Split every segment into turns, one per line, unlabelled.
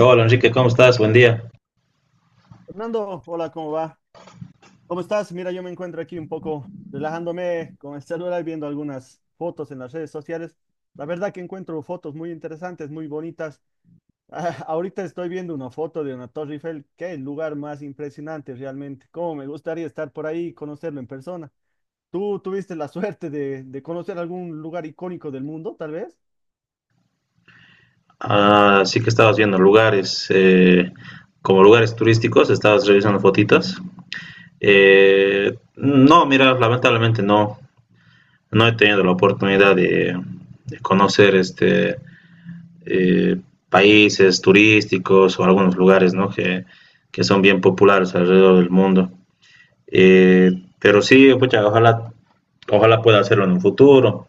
Hola Enrique, ¿cómo estás? Buen día.
Fernando, hola, ¿cómo va? ¿Cómo estás? Mira, yo me encuentro aquí un poco relajándome con el celular, viendo algunas fotos en las redes sociales. La verdad que encuentro fotos muy interesantes, muy bonitas. Ahorita estoy viendo una foto de una Torre Eiffel. Qué lugar más impresionante realmente. Cómo me gustaría estar por ahí y conocerlo en persona. ¿Tú tuviste la suerte de conocer algún lugar icónico del mundo, tal vez?
Ah, sí que estabas viendo lugares, como lugares turísticos, estabas revisando fotitos. No, mira, lamentablemente no, no he tenido la oportunidad de conocer eh, países turísticos o algunos lugares, ¿no? Que son bien populares alrededor del mundo. Eh, pero sí, pucha, ojalá pueda hacerlo en un futuro.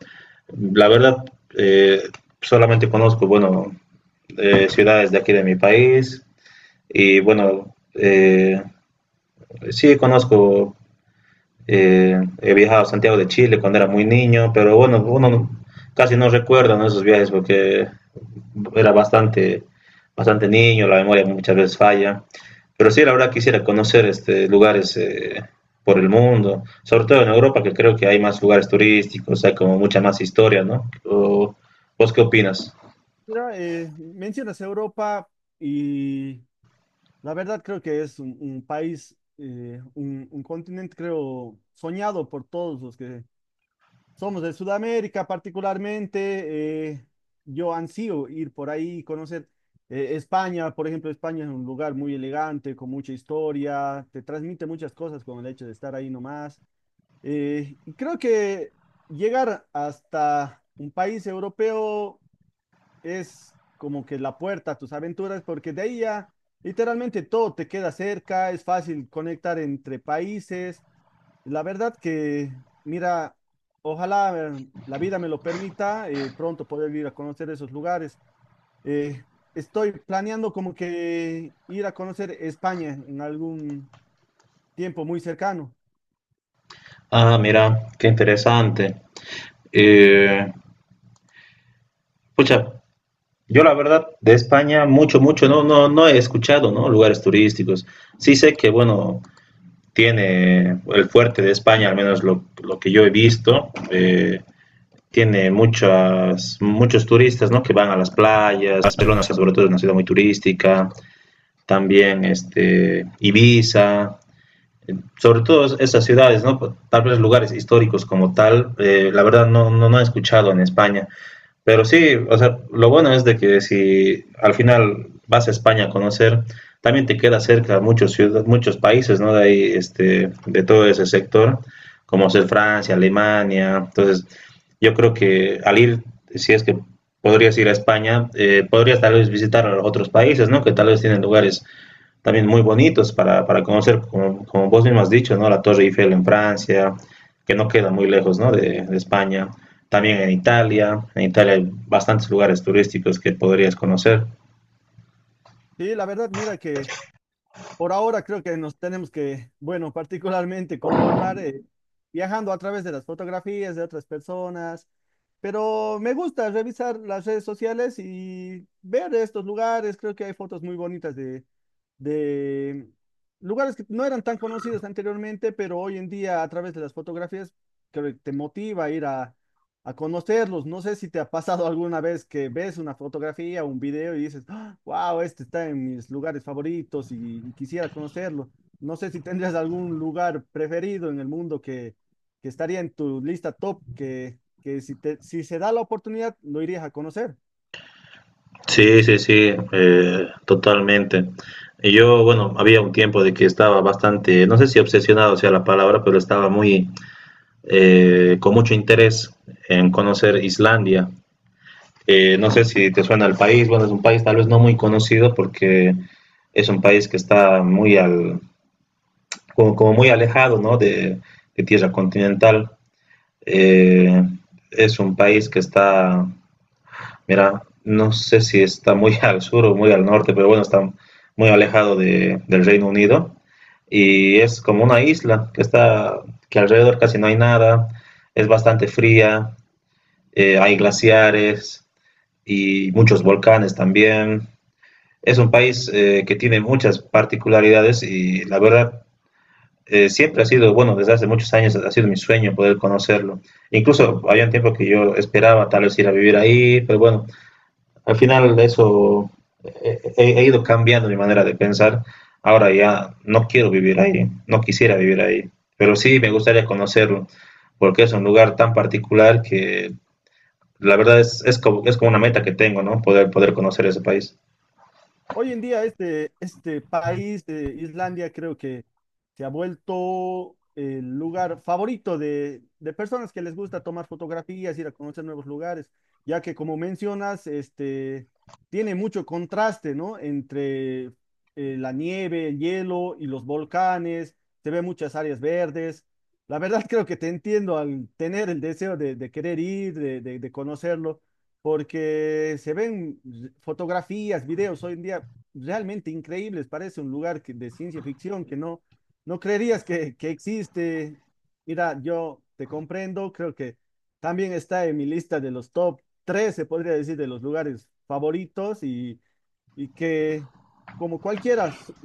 La verdad, eh, solamente conozco, bueno, ciudades de aquí de mi país y bueno, sí conozco he viajado a Santiago de Chile cuando era muy niño, pero bueno, uno no, casi no recuerda, ¿no?, esos viajes porque era bastante niño, la memoria muchas veces falla. Pero sí, la verdad quisiera conocer este, lugares por el mundo, sobre todo en Europa, que creo que hay más lugares turísticos, hay como mucha más historia, ¿no? O, ¿vos qué opinas?
Mira, mencionas Europa y la verdad creo que es un país, un continente creo soñado por todos los que somos de Sudamérica particularmente. Yo ansío ir por ahí, conocer España, por ejemplo. España es un lugar muy elegante, con mucha historia, te transmite muchas cosas con el hecho de estar ahí nomás. Y creo que llegar hasta un país europeo es como que la puerta a tus aventuras, porque de ahí ya literalmente todo te queda cerca, es fácil conectar entre países. La verdad que, mira, ojalá la vida me lo permita pronto poder ir a conocer esos lugares. Eh, Estoy planeando como que ir a conocer España en algún tiempo muy cercano.
Ah, mira, qué interesante. Eh, Pucha, yo la verdad de España mucho, mucho, no, no he escuchado, ¿no?, lugares turísticos. Sí sé que, bueno, tiene el fuerte de España, al menos lo que yo he visto, tiene muchos turistas, ¿no?, que van a las playas. Barcelona, o sea, sobre todo, es una ciudad muy turística. También, este, Ibiza, sobre todo esas ciudades, ¿no? Tal vez lugares históricos como tal, la verdad no, no he escuchado en España. Pero sí, o sea, lo bueno es de que si al final vas a España a conocer, también te queda cerca muchos ciudades, muchos países, ¿no?, de ahí, este, de todo ese sector, como ser Francia, Alemania. Entonces, yo creo que al ir, si es que podrías ir a España, podrías tal vez visitar a otros países, ¿no?, que tal vez tienen lugares también muy bonitos para conocer, como, como, vos mismo has dicho, ¿no? La Torre Eiffel en Francia, que no queda muy lejos, ¿no?, de España también en Italia. En Italia hay bastantes lugares turísticos que podrías conocer.
Sí, la verdad, mira que... Por ahora creo que nos tenemos que, bueno, particularmente conformar viajando a través de las fotografías de otras personas, pero me gusta revisar las redes sociales y ver estos lugares. Creo que hay fotos muy bonitas de lugares que no eran tan conocidos anteriormente, pero hoy en día a través de las fotografías creo que te motiva a a conocerlos. No sé si te ha pasado alguna vez que ves una fotografía o un video y dices wow, este está en mis lugares favoritos y quisiera conocerlo. No sé si tendrías algún lugar preferido en el mundo que estaría en tu lista top, que si, te, si se da la oportunidad, lo irías a conocer.
Sí, sí, sí, totalmente. Y yo, bueno, había un tiempo de que estaba bastante, no sé si obsesionado sea la palabra, pero estaba muy, con mucho interés en conocer Islandia. No sé si te suena el país, bueno, es un país tal vez no muy conocido porque es un país que está muy al, como muy alejado, ¿no?, de tierra continental. Eh, es un país que está, mira, no sé si está muy al sur o muy al norte, pero bueno, está muy alejado de, del Reino Unido y es como una isla que está, que alrededor casi no hay nada, es bastante fría, hay glaciares y muchos volcanes también. Es un país que tiene muchas particularidades y la verdad siempre ha sido, bueno, desde hace muchos años ha sido mi sueño poder conocerlo. Incluso había un tiempo que yo esperaba tal vez ir a vivir ahí, pero bueno, al final eso he ido cambiando mi manera de pensar. Ahora ya no quiero vivir ahí, no quisiera vivir ahí, pero sí me gustaría conocerlo porque es un lugar tan particular que la verdad es como una meta que tengo, ¿no? Poder conocer ese país.
Hoy en día este, este país, Islandia, creo que se ha vuelto el lugar favorito de personas que les gusta tomar fotografías, ir a conocer nuevos lugares, ya que como mencionas, este, tiene mucho contraste, ¿no? Entre la nieve, el hielo y los volcanes, se ve muchas áreas verdes. La verdad creo que te entiendo al tener el deseo de querer ir, de de conocerlo porque se ven fotografías, videos hoy en día realmente increíbles, parece un lugar de ciencia ficción que no, no creerías que existe. Mira, yo te comprendo, creo que también está en mi lista de los top 3, se podría decir, de los lugares favoritos y que como cualquiera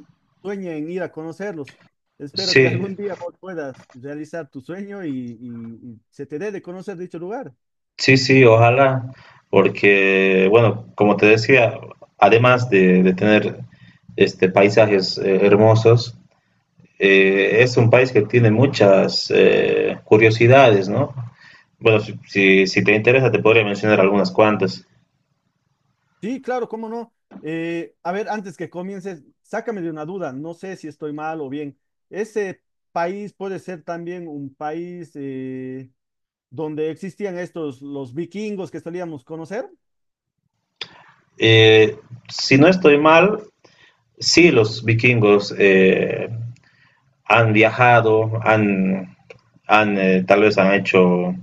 sueña en ir a conocerlos. Espero que
Sí,
algún día vos puedas realizar tu sueño y se te dé de conocer dicho lugar.
sí, sí, ojalá, porque, bueno, como te decía, además de tener este, paisajes hermosos, es un país que tiene muchas curiosidades, ¿no? Bueno, si te interesa, te podría mencionar algunas cuantas.
Sí, claro, cómo no. A ver, antes que comiences, sácame de una duda, no sé si estoy mal o bien. ¿Ese país puede ser también un país donde existían estos, los vikingos que solíamos conocer?
Eh, si no estoy mal, sí, los vikingos han viajado, tal vez han hecho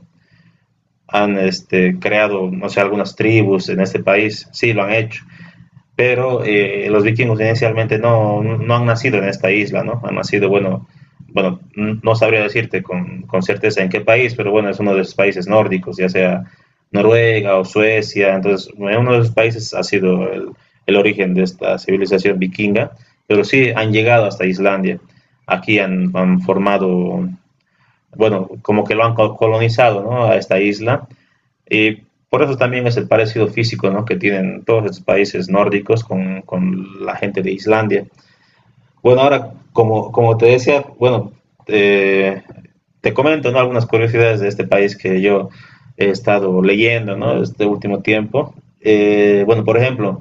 creado, no sé, algunas tribus en este país, sí lo han hecho, pero los vikingos inicialmente no, han nacido en esta isla, ¿no? Han nacido, bueno no sabría decirte con, certeza en qué país, pero bueno, es uno de los países nórdicos, ya sea Noruega o Suecia, entonces en uno de esos países ha sido el origen de esta civilización vikinga, pero sí han llegado hasta Islandia, aquí han formado, bueno, como que lo han colonizado, ¿no?, a esta isla y por eso también es el parecido físico, ¿no?, que tienen todos estos países nórdicos con la gente de Islandia. Bueno, ahora, como, como te decía, bueno, eh, te comento, ¿no?, algunas curiosidades de este país que yo he estado leyendo, ¿no?, este último tiempo. Bueno, por ejemplo,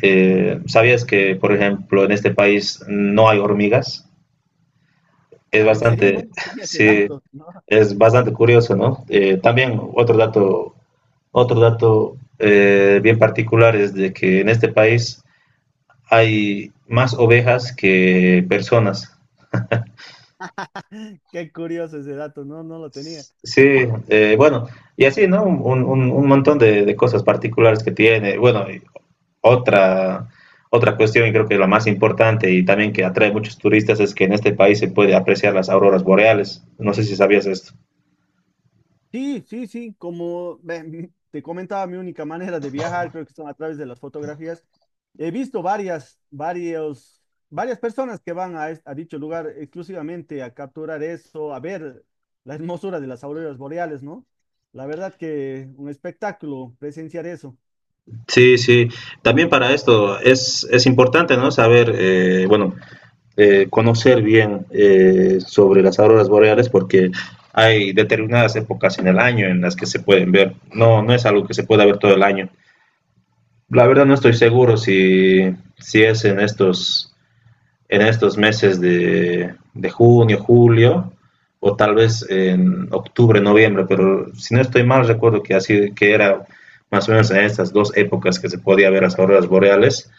¿sabías que, por ejemplo, en este país no hay hormigas? Es
Ah, ¿en serio? No,
bastante,
no tenía ese
sí,
dato, ¿no?
es bastante curioso, ¿no? También otro dato bien particular es de que en este país hay más ovejas que personas.
Qué curioso ese dato, no, no lo tenía.
Sí, bueno, y así, ¿no? Un montón cosas particulares que tiene. Bueno, y otra, otra cuestión, y creo que la más importante y también que atrae muchos turistas, es que en este país se puede apreciar las auroras boreales. No sé si sabías esto.
Sí, sí, sí, como te comentaba, mi única manera de viajar creo que son a través de las fotografías. He visto varias, varios, varias personas que van a, a dicho lugar exclusivamente a capturar eso, a ver la hermosura de las auroras boreales, ¿no? La verdad que un espectáculo presenciar eso.
Sí, sí. También para esto es importante, ¿no? Saber, bueno, conocer bien sobre las auroras boreales porque hay determinadas épocas en el año en las que se pueden ver. No, no es algo que se pueda ver todo el año. La verdad no estoy seguro si es en estos meses de junio, julio o tal vez en octubre, noviembre, pero si no estoy mal recuerdo que así que era más o menos en estas dos épocas que se podía ver las auroras boreales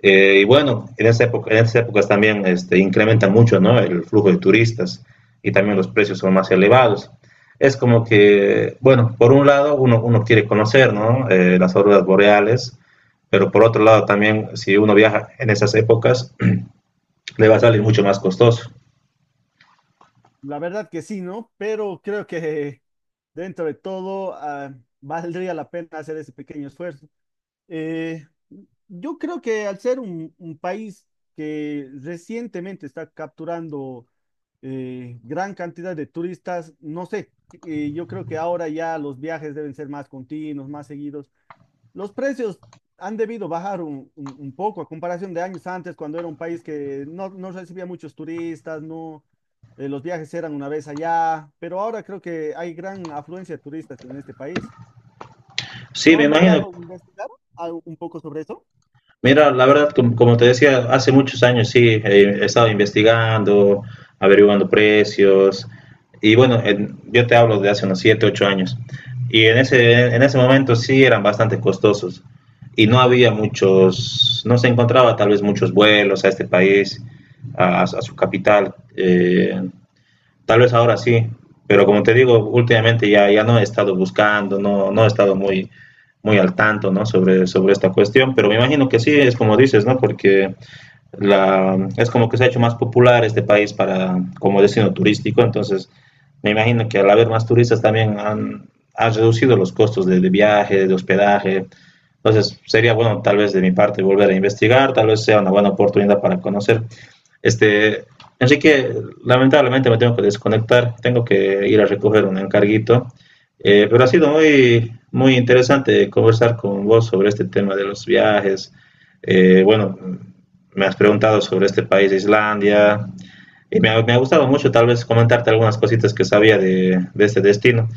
y bueno, en, esa época, en esas épocas también este, incrementa mucho, ¿no?, el flujo de turistas y también los precios son más elevados. Es como que, bueno, por un lado uno quiere conocer, ¿no?, las auroras boreales, pero por otro lado también si uno viaja en esas épocas le va a salir mucho más costoso.
La verdad que sí, ¿no? Pero creo que dentro de todo, ah, valdría la pena hacer ese pequeño esfuerzo. Eh, yo creo que al ser un país que recientemente está capturando gran cantidad de turistas, no sé, yo creo que ahora ya los viajes deben ser más continuos, más seguidos. Los precios han debido bajar un, un poco a comparación de años antes, cuando era un país que no, no recibía muchos turistas, no, los viajes eran una vez allá, pero ahora creo que hay gran afluencia de turistas en este país.
Sí,
¿No
me
has
imagino.
logrado investigar un poco sobre eso?
Mira, la verdad, como te decía, hace muchos años sí, he estado investigando, averiguando precios, y bueno, en- yo te hablo de hace unos 7, 8 años, y en ese momento sí eran bastante costosos, y no había muchos, no se encontraba tal vez muchos vuelos a este país, a su capital. Eh, tal vez ahora sí, pero como te digo, últimamente ya no he estado buscando, no, no he estado muy, muy al tanto, ¿no? Sobre, sobre esta cuestión, pero me imagino que sí, es como dices, ¿no? Porque la, es como que se ha hecho más popular este país para, como destino turístico, entonces me imagino que al haber más turistas también han reducido los costos de, viaje, de hospedaje. Entonces sería bueno tal vez de mi parte volver a investigar, tal vez sea una buena oportunidad para conocer. Este, Enrique, lamentablemente me tengo que desconectar, tengo que ir a recoger un encarguito, pero ha sido muy, muy interesante conversar con vos sobre este tema de los viajes. Bueno, me has preguntado sobre este país, Islandia, y me ha gustado mucho tal vez comentarte algunas cositas que sabía de este destino.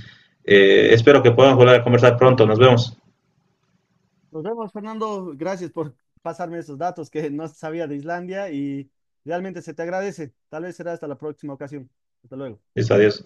Espero que podamos volver a conversar pronto. Nos vemos.
Nos vemos, Fernando. Gracias por pasarme esos datos que no sabía de Islandia y realmente se te agradece. Tal vez será hasta la próxima ocasión. Hasta luego.
Listo, adiós.